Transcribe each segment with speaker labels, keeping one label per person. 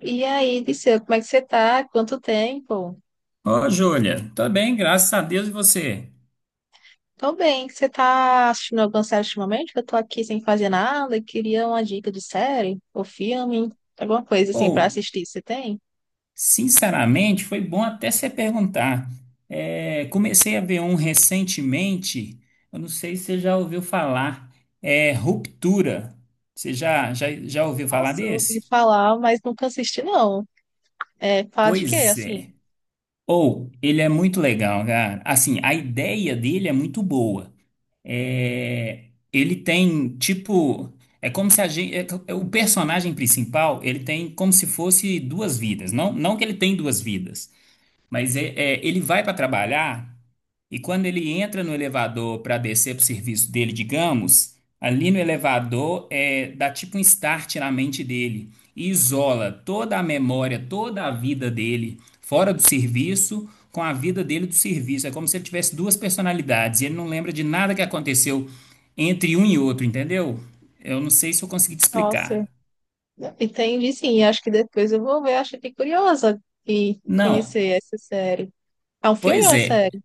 Speaker 1: E aí, Disseu, como é que você tá? Quanto tempo?
Speaker 2: Ô, Júlia, tá bem, graças a Deus e você?
Speaker 1: Tô bem, você tá assistindo alguma série ultimamente? Eu tô aqui sem fazer nada e queria uma dica de série ou filme, alguma coisa assim
Speaker 2: Ou,
Speaker 1: pra assistir. Você tem?
Speaker 2: sinceramente, foi bom até você perguntar. Comecei a ver um recentemente, eu não sei se você já ouviu falar, é Ruptura. Você já ouviu falar
Speaker 1: Nossa, eu ouvi
Speaker 2: desse?
Speaker 1: falar, mas nunca assisti, não. É, fala de quê,
Speaker 2: Pois
Speaker 1: assim?
Speaker 2: é. Ou, ele é muito legal, cara. Assim, a ideia dele é muito boa. é, Ele tem tipo, é como se a gente, o personagem principal, ele tem como se fosse duas vidas, não que ele tem duas vidas, mas ele vai para trabalhar e quando ele entra no elevador para descer para o serviço dele, digamos, ali no elevador, é, dá tipo um start na mente dele e isola toda a memória, toda a vida dele fora do serviço com a vida dele do serviço. É como se ele tivesse duas personalidades e ele não lembra de nada que aconteceu entre um e outro, entendeu? Eu não sei se eu consegui te explicar.
Speaker 1: Nossa, entendi sim. Acho que depois eu vou ver, acho que fiquei curiosa em
Speaker 2: Não,
Speaker 1: conhecer essa série. É um filme ou é
Speaker 2: pois
Speaker 1: uma
Speaker 2: é.
Speaker 1: série?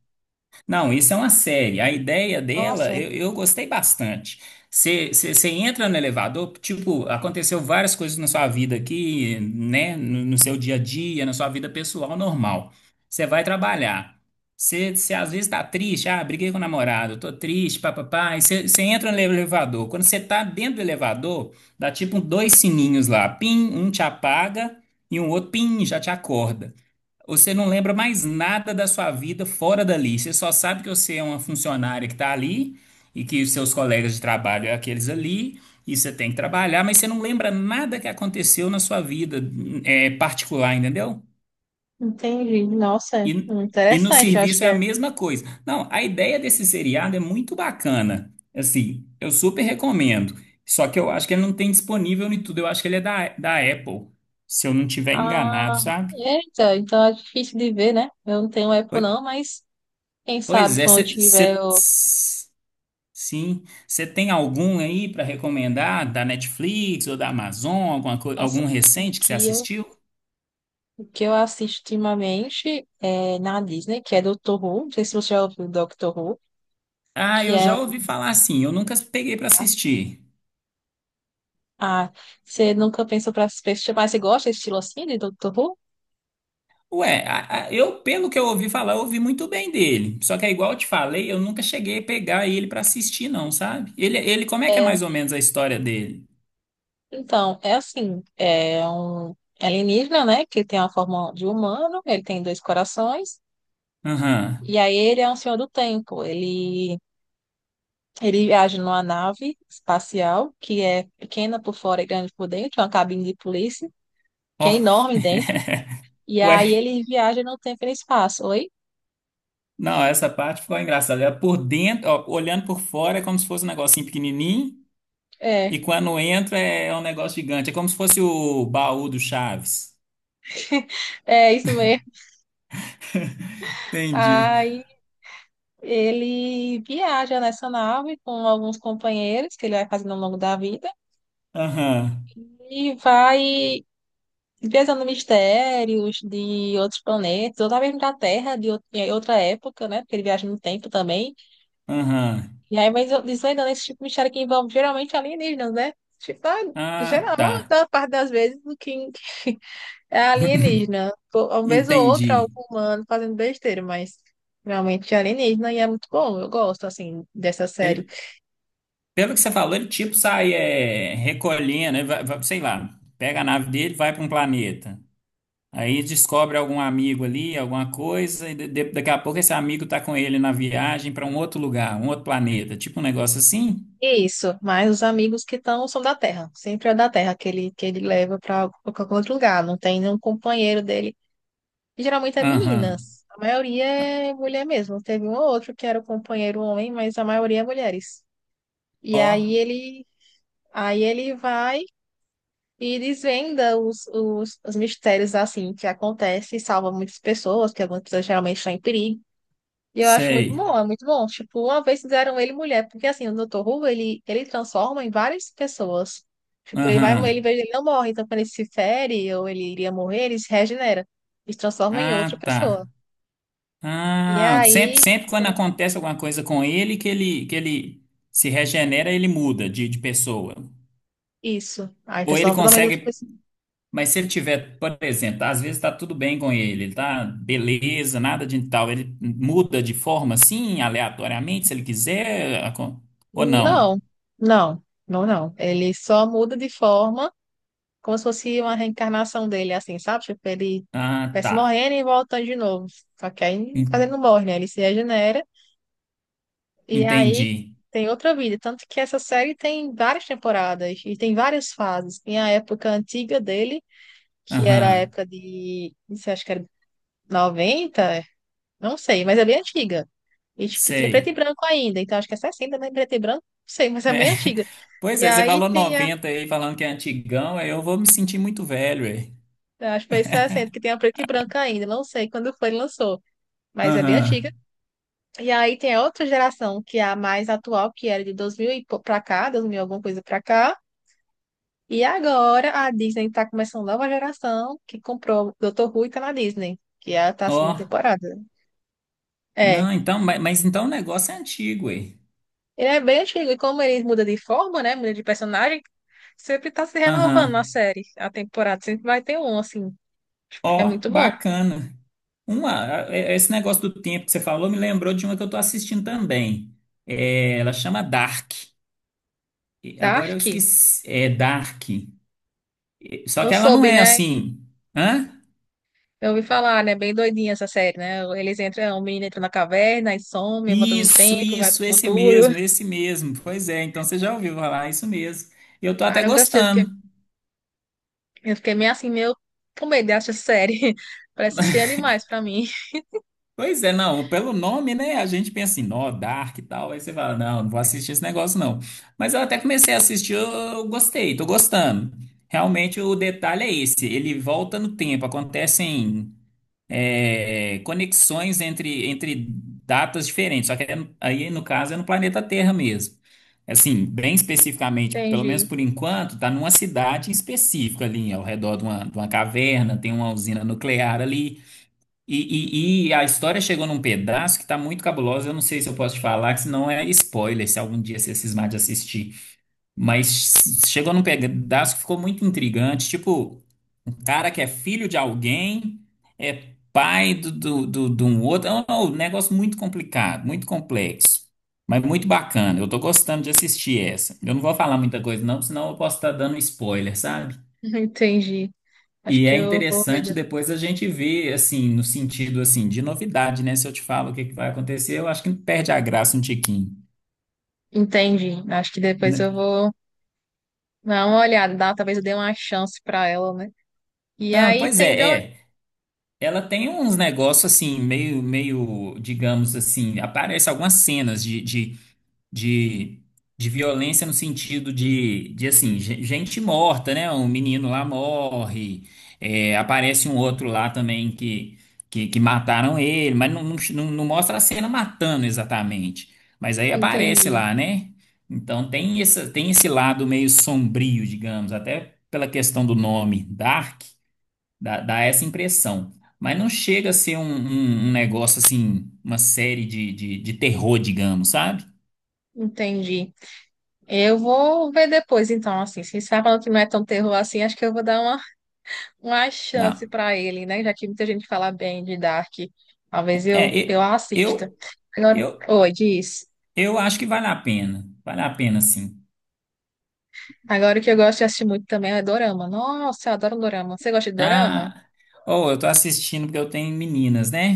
Speaker 2: Não, isso é uma série. A ideia dela,
Speaker 1: Nossa,
Speaker 2: eu gostei bastante. Você entra no elevador, tipo, aconteceu várias coisas na sua vida aqui, né? No seu dia a dia, na sua vida pessoal normal. Você vai trabalhar. Você às vezes tá triste, ah, briguei com o namorado, tô triste, papapá. Você entra no elevador. Quando você tá dentro do elevador, dá tipo dois sininhos lá, pim, um te apaga e um outro, pim, já te acorda. Você não lembra mais nada da sua vida fora dali. Você só sabe que você é uma funcionária que está ali e que os seus colegas de trabalho é aqueles ali e você tem que trabalhar, mas você não lembra nada que aconteceu na sua vida, é, particular, entendeu?
Speaker 1: entendi. Nossa,
Speaker 2: E, e no
Speaker 1: interessante, eu acho
Speaker 2: serviço
Speaker 1: que
Speaker 2: é a
Speaker 1: é.
Speaker 2: mesma coisa. Não, a ideia desse seriado é muito bacana. Assim, eu super recomendo. Só que eu acho que ele não tem disponível em tudo. Eu acho que ele é da Apple, se eu não tiver enganado,
Speaker 1: Ah,
Speaker 2: sabe?
Speaker 1: eita, então é difícil de ver, né? Eu não tenho Apple
Speaker 2: Pois
Speaker 1: não, mas quem
Speaker 2: pois
Speaker 1: sabe
Speaker 2: é,
Speaker 1: quando eu
Speaker 2: você.
Speaker 1: tiver, eu...
Speaker 2: Sim. Você tem algum aí para recomendar da Netflix ou da Amazon, alguma coi-
Speaker 1: Nossa,
Speaker 2: algum
Speaker 1: o
Speaker 2: recente que você
Speaker 1: que eu,
Speaker 2: assistiu?
Speaker 1: o que eu assisto ultimamente é na Disney, que é Doctor Who, não sei se você já ouviu Doctor Who,
Speaker 2: Ah,
Speaker 1: que
Speaker 2: eu
Speaker 1: é
Speaker 2: já
Speaker 1: uma...
Speaker 2: ouvi falar assim, eu nunca peguei para assistir.
Speaker 1: Ah, você nunca pensou para se assistir, mas você gosta desse estilo assim de Doctor Who?
Speaker 2: Ué, a- eu, pelo que eu ouvi falar, eu ouvi muito bem dele. Só que é igual eu te falei, eu nunca cheguei a pegar ele para assistir, não, sabe? Como é que é
Speaker 1: É,
Speaker 2: mais ou menos a história dele?
Speaker 1: então, é assim, é um alienígena, né, que tem a forma de humano, ele tem dois corações,
Speaker 2: Aham.
Speaker 1: e aí ele é um senhor do tempo. Ele viaja numa nave espacial que é pequena por fora e grande por dentro, uma cabine de polícia, que
Speaker 2: Ó.
Speaker 1: é enorme dentro. E aí
Speaker 2: Ué,
Speaker 1: ele viaja no tempo e no espaço. Oi?
Speaker 2: não, essa parte ficou engraçada. Era por dentro, ó, olhando por fora, é como se fosse um negocinho pequenininho. E
Speaker 1: É,
Speaker 2: quando entra é um negócio gigante. É como se fosse o baú do Chaves.
Speaker 1: é isso mesmo.
Speaker 2: Entendi.
Speaker 1: Aí ele viaja nessa nave com alguns companheiros que ele vai fazendo ao longo da vida
Speaker 2: Aham,
Speaker 1: e vai desvendando mistérios de outros planetas, ou até mesmo da Terra, em outra época, né? Porque ele viaja no tempo também.
Speaker 2: aham.
Speaker 1: E aí, mas eu disse, ainda nesse tipo de mistério que envolve geralmente alienígenas, né? Tipo, ah,
Speaker 2: Ah,
Speaker 1: geral, a
Speaker 2: tá.
Speaker 1: maior da parte das vezes o que é alienígena. Pô, uma vez ou outra,
Speaker 2: Entendi.
Speaker 1: algum humano fazendo besteira, mas realmente é alienígena e é muito bom. Eu gosto, assim, dessa série.
Speaker 2: Ele- pelo que você falou, ele tipo sai, é, recolhendo, ele sei lá, pega a nave dele, vai para um planeta. Aí descobre algum amigo ali, alguma coisa, e daqui a pouco esse amigo tá com ele na viagem para um outro lugar, um outro planeta. Tipo um negócio assim?
Speaker 1: E isso, mas os amigos que estão são da Terra. Sempre é da Terra que ele leva para qualquer outro lugar. Não tem nenhum companheiro dele. E geralmente é
Speaker 2: Aham.
Speaker 1: meninas. A maioria é mulher mesmo. Teve um ou outro que era o companheiro homem, mas a maioria é mulheres. E
Speaker 2: Ó,
Speaker 1: aí ele vai e desvenda os mistérios assim que acontece e salva muitas pessoas, que algumas pessoas geralmente estão em perigo. E eu acho muito
Speaker 2: sei.
Speaker 1: bom, é muito bom. Tipo, uma vez fizeram ele mulher, porque assim, o Dr. Who, ele transforma em várias pessoas. Tipo, ele vai,
Speaker 2: Aham.
Speaker 1: ele, ele não morre, então quando ele se fere ou ele iria morrer, ele se regenera. Ele se transforma em outra
Speaker 2: Ah,
Speaker 1: pessoa.
Speaker 2: tá.
Speaker 1: E
Speaker 2: Ah, sempre,
Speaker 1: aí,
Speaker 2: sempre quando acontece alguma coisa com ele, que ele se regenera, ele muda de pessoa.
Speaker 1: isso. Aí
Speaker 2: Ou ele
Speaker 1: transforma totalmente em outra
Speaker 2: consegue.
Speaker 1: pessoa.
Speaker 2: Mas se ele tiver, por exemplo, às vezes tá tudo bem com ele, ele tá beleza, nada de tal, ele muda de forma assim, aleatoriamente, se ele quiser, acon- ou não.
Speaker 1: Não, não, não, não. Ele só muda de forma, como se fosse uma reencarnação dele, assim, sabe? Tipo, ele
Speaker 2: Ah,
Speaker 1: vai se
Speaker 2: tá.
Speaker 1: morrendo e voltando de novo. Só que aí, mas ele
Speaker 2: En-
Speaker 1: não morre, né? Ele se regenera e aí
Speaker 2: Entendi.
Speaker 1: tem outra vida. Tanto que essa série tem várias temporadas e tem várias fases. Tem a época antiga dele, que era a
Speaker 2: Aham,
Speaker 1: época de, não sei, acho que era 90. Não sei, mas é bem antiga. E, tipo, tinha preto e
Speaker 2: sei.
Speaker 1: branco ainda. Então, acho que é 60, né? Preto e branco, não sei, mas é
Speaker 2: É.
Speaker 1: bem antiga.
Speaker 2: Pois
Speaker 1: E
Speaker 2: é, você
Speaker 1: aí
Speaker 2: falou
Speaker 1: tem a,
Speaker 2: 90 aí, falando que é antigão, aí eu vou me sentir muito velho.
Speaker 1: acho que foi 60, que tem a preto e branco ainda. Não sei quando foi, que lançou. Mas é bem antiga.
Speaker 2: Aham.
Speaker 1: E aí tem a outra geração, que é a mais atual, que era de 2000 e pra cá, 2000 e alguma coisa pra cá. E agora a Disney tá começando nova geração, que comprou Dr. Who e tá na Disney. Que é a tá
Speaker 2: Ó,
Speaker 1: segunda temporada. É,
Speaker 2: não, então, ma- mas, então o negócio é antigo, ué.
Speaker 1: ele é bem antigo, e como ele muda de forma, né? Muda de personagem, sempre tá se renovando na
Speaker 2: Aham.
Speaker 1: série. A temporada sempre vai ter um, assim, que é
Speaker 2: Ó,
Speaker 1: muito bom.
Speaker 2: bacana. Uma, a- é- esse negócio do tempo que você falou me lembrou de uma que eu tô assistindo também. É, ela chama Dark. E agora eu
Speaker 1: Dark,
Speaker 2: esqueci. É Dark. E- só
Speaker 1: eu
Speaker 2: que ela não
Speaker 1: soube,
Speaker 2: é
Speaker 1: né?
Speaker 2: assim. Hã?
Speaker 1: Eu ouvi falar, né? Bem doidinha essa série, né? Eles entram, o menino entra na caverna e some, volta no
Speaker 2: Isso,
Speaker 1: tempo, vai pro
Speaker 2: isso, esse
Speaker 1: futuro.
Speaker 2: mesmo, esse mesmo. Pois é, então você já ouviu falar, isso mesmo. E eu tô
Speaker 1: Ah,
Speaker 2: até
Speaker 1: nunca assisti, eu fiquei,
Speaker 2: gostando.
Speaker 1: eu fiquei meio assim, meio com medo de achar essa série. Parece estranha demais pra mim.
Speaker 2: Pois é, não, pelo nome, né? A gente pensa assim, nó, Dark e tal. Aí você fala, não, não vou assistir esse negócio, não. Mas eu até comecei a assistir, eu gostei, tô gostando. Realmente o detalhe é esse, ele volta no tempo, acontecem, é, conexões entre datas diferentes. Só que é no- aí, no caso, é no planeta Terra mesmo. Assim, bem especificamente, pelo menos
Speaker 1: Entendi,
Speaker 2: por enquanto, tá numa cidade específica ali, ao redor de uma caverna, tem uma usina nuclear ali. E a história chegou num pedaço que tá muito cabulosa. Eu não sei se eu posso te falar, que senão é spoiler, se algum dia você cismar de assistir. Mas chegou num pedaço que ficou muito intrigante. Tipo, um cara que é filho de alguém, é pai de um outro. É um negócio muito complicado, muito complexo. Mas muito bacana. Eu tô gostando de assistir essa. Eu não vou falar muita coisa, não, senão eu posso estar dando spoiler, sabe?
Speaker 1: entendi. Acho
Speaker 2: E
Speaker 1: que
Speaker 2: é
Speaker 1: eu vou ver.
Speaker 2: interessante depois a gente ver, assim, no sentido, assim, de novidade, né? Se eu te falo o que que vai acontecer, eu acho que perde a graça um tiquinho,
Speaker 1: Entendi. Acho que depois
Speaker 2: né?
Speaker 1: eu vou. Dá uma olhada, talvez eu dê uma chance pra ela, né? E
Speaker 2: Não,
Speaker 1: aí
Speaker 2: pois
Speaker 1: tem.
Speaker 2: é, é. Ela tem uns negócios, assim, meio, digamos assim, aparece algumas cenas de, de violência no sentido de assim, ge- gente morta, né? Um menino lá morre, é, aparece um outro lá também que, que mataram ele, mas não mostra a cena matando exatamente. Mas aí aparece
Speaker 1: Entendi,
Speaker 2: lá, né? Então tem essa, tem esse lado meio sombrio, digamos, até pela questão do nome Dark, dá essa impressão. Mas não chega a ser um, um- um negócio assim, uma série de terror, digamos, sabe?
Speaker 1: entendi. Eu vou ver depois, então, assim, se você tá falando que não é tão terror assim, acho que eu vou dar uma chance
Speaker 2: Dá-
Speaker 1: pra ele, né? Já que muita gente fala bem de Dark. Talvez eu,
Speaker 2: é,
Speaker 1: eu
Speaker 2: e-
Speaker 1: assista.
Speaker 2: eu,
Speaker 1: Agora,
Speaker 2: eu,
Speaker 1: oi, diz.
Speaker 2: eu acho que vale a pena. Vale a pena, sim.
Speaker 1: Agora o que eu gosto de assistir muito também é dorama. Nossa, eu adoro dorama. Você gosta de dorama?
Speaker 2: Ah, oh, eu tô assistindo porque eu tenho meninas, né?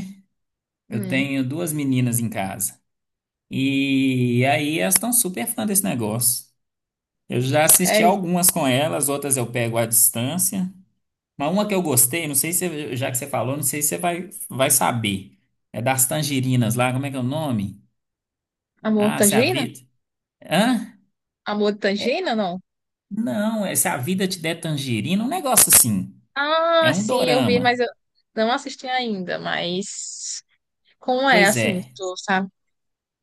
Speaker 2: Eu
Speaker 1: Hum,
Speaker 2: tenho duas meninas em casa. E aí elas estão super fã desse negócio. Eu já assisti
Speaker 1: sério?
Speaker 2: algumas com elas, outras eu pego à distância. Mas uma que eu gostei, não sei se, você- já que você falou, não sei se você vai saber. É das tangerinas lá, como é que é o nome?
Speaker 1: Amor de
Speaker 2: Ah, se a
Speaker 1: Tangerina?
Speaker 2: vida. Hã?
Speaker 1: Amor de
Speaker 2: É,
Speaker 1: Tangerina, não?
Speaker 2: não, é se a vida te der tangerina, um negócio assim.
Speaker 1: Ah,
Speaker 2: É um
Speaker 1: sim, eu vi, mas
Speaker 2: dorama.
Speaker 1: eu não assisti ainda, mas como é
Speaker 2: Pois
Speaker 1: assim,
Speaker 2: é.
Speaker 1: tu sabe?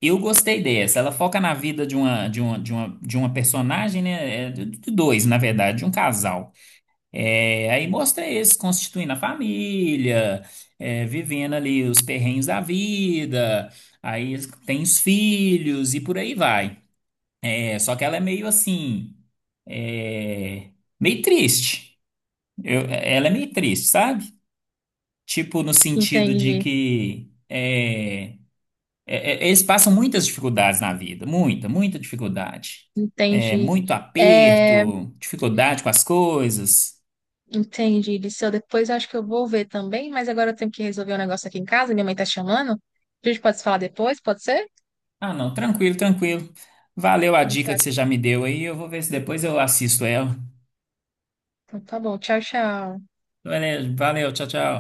Speaker 2: Eu gostei dessa. Ela foca na vida de uma personagem, né? É, de dois, na verdade, de um casal. É, aí mostra eles constituindo a família, é, vivendo ali os perrengues da vida. Aí eles têm os filhos e por aí vai. É, só que ela é meio assim, é, meio triste. Eu- ela é meio triste, sabe? Tipo, no sentido de
Speaker 1: Entendi,
Speaker 2: que. É É, é, eles passam muitas dificuldades na vida, muita dificuldade. É,
Speaker 1: entendi.
Speaker 2: muito
Speaker 1: É,
Speaker 2: aperto, dificuldade com as coisas.
Speaker 1: entendi, Disseu. Depois eu acho que eu vou ver também, mas agora eu tenho que resolver um negócio aqui em casa, minha mãe tá chamando. A gente pode se falar depois, pode ser?
Speaker 2: Ah, não, tranquilo, tranquilo. Valeu a
Speaker 1: Então
Speaker 2: dica
Speaker 1: tá,
Speaker 2: que você já me deu aí. Eu vou ver se depois eu assisto ela.
Speaker 1: então tá bom, tchau, tchau.
Speaker 2: Valeu, valeu, tchau, tchau.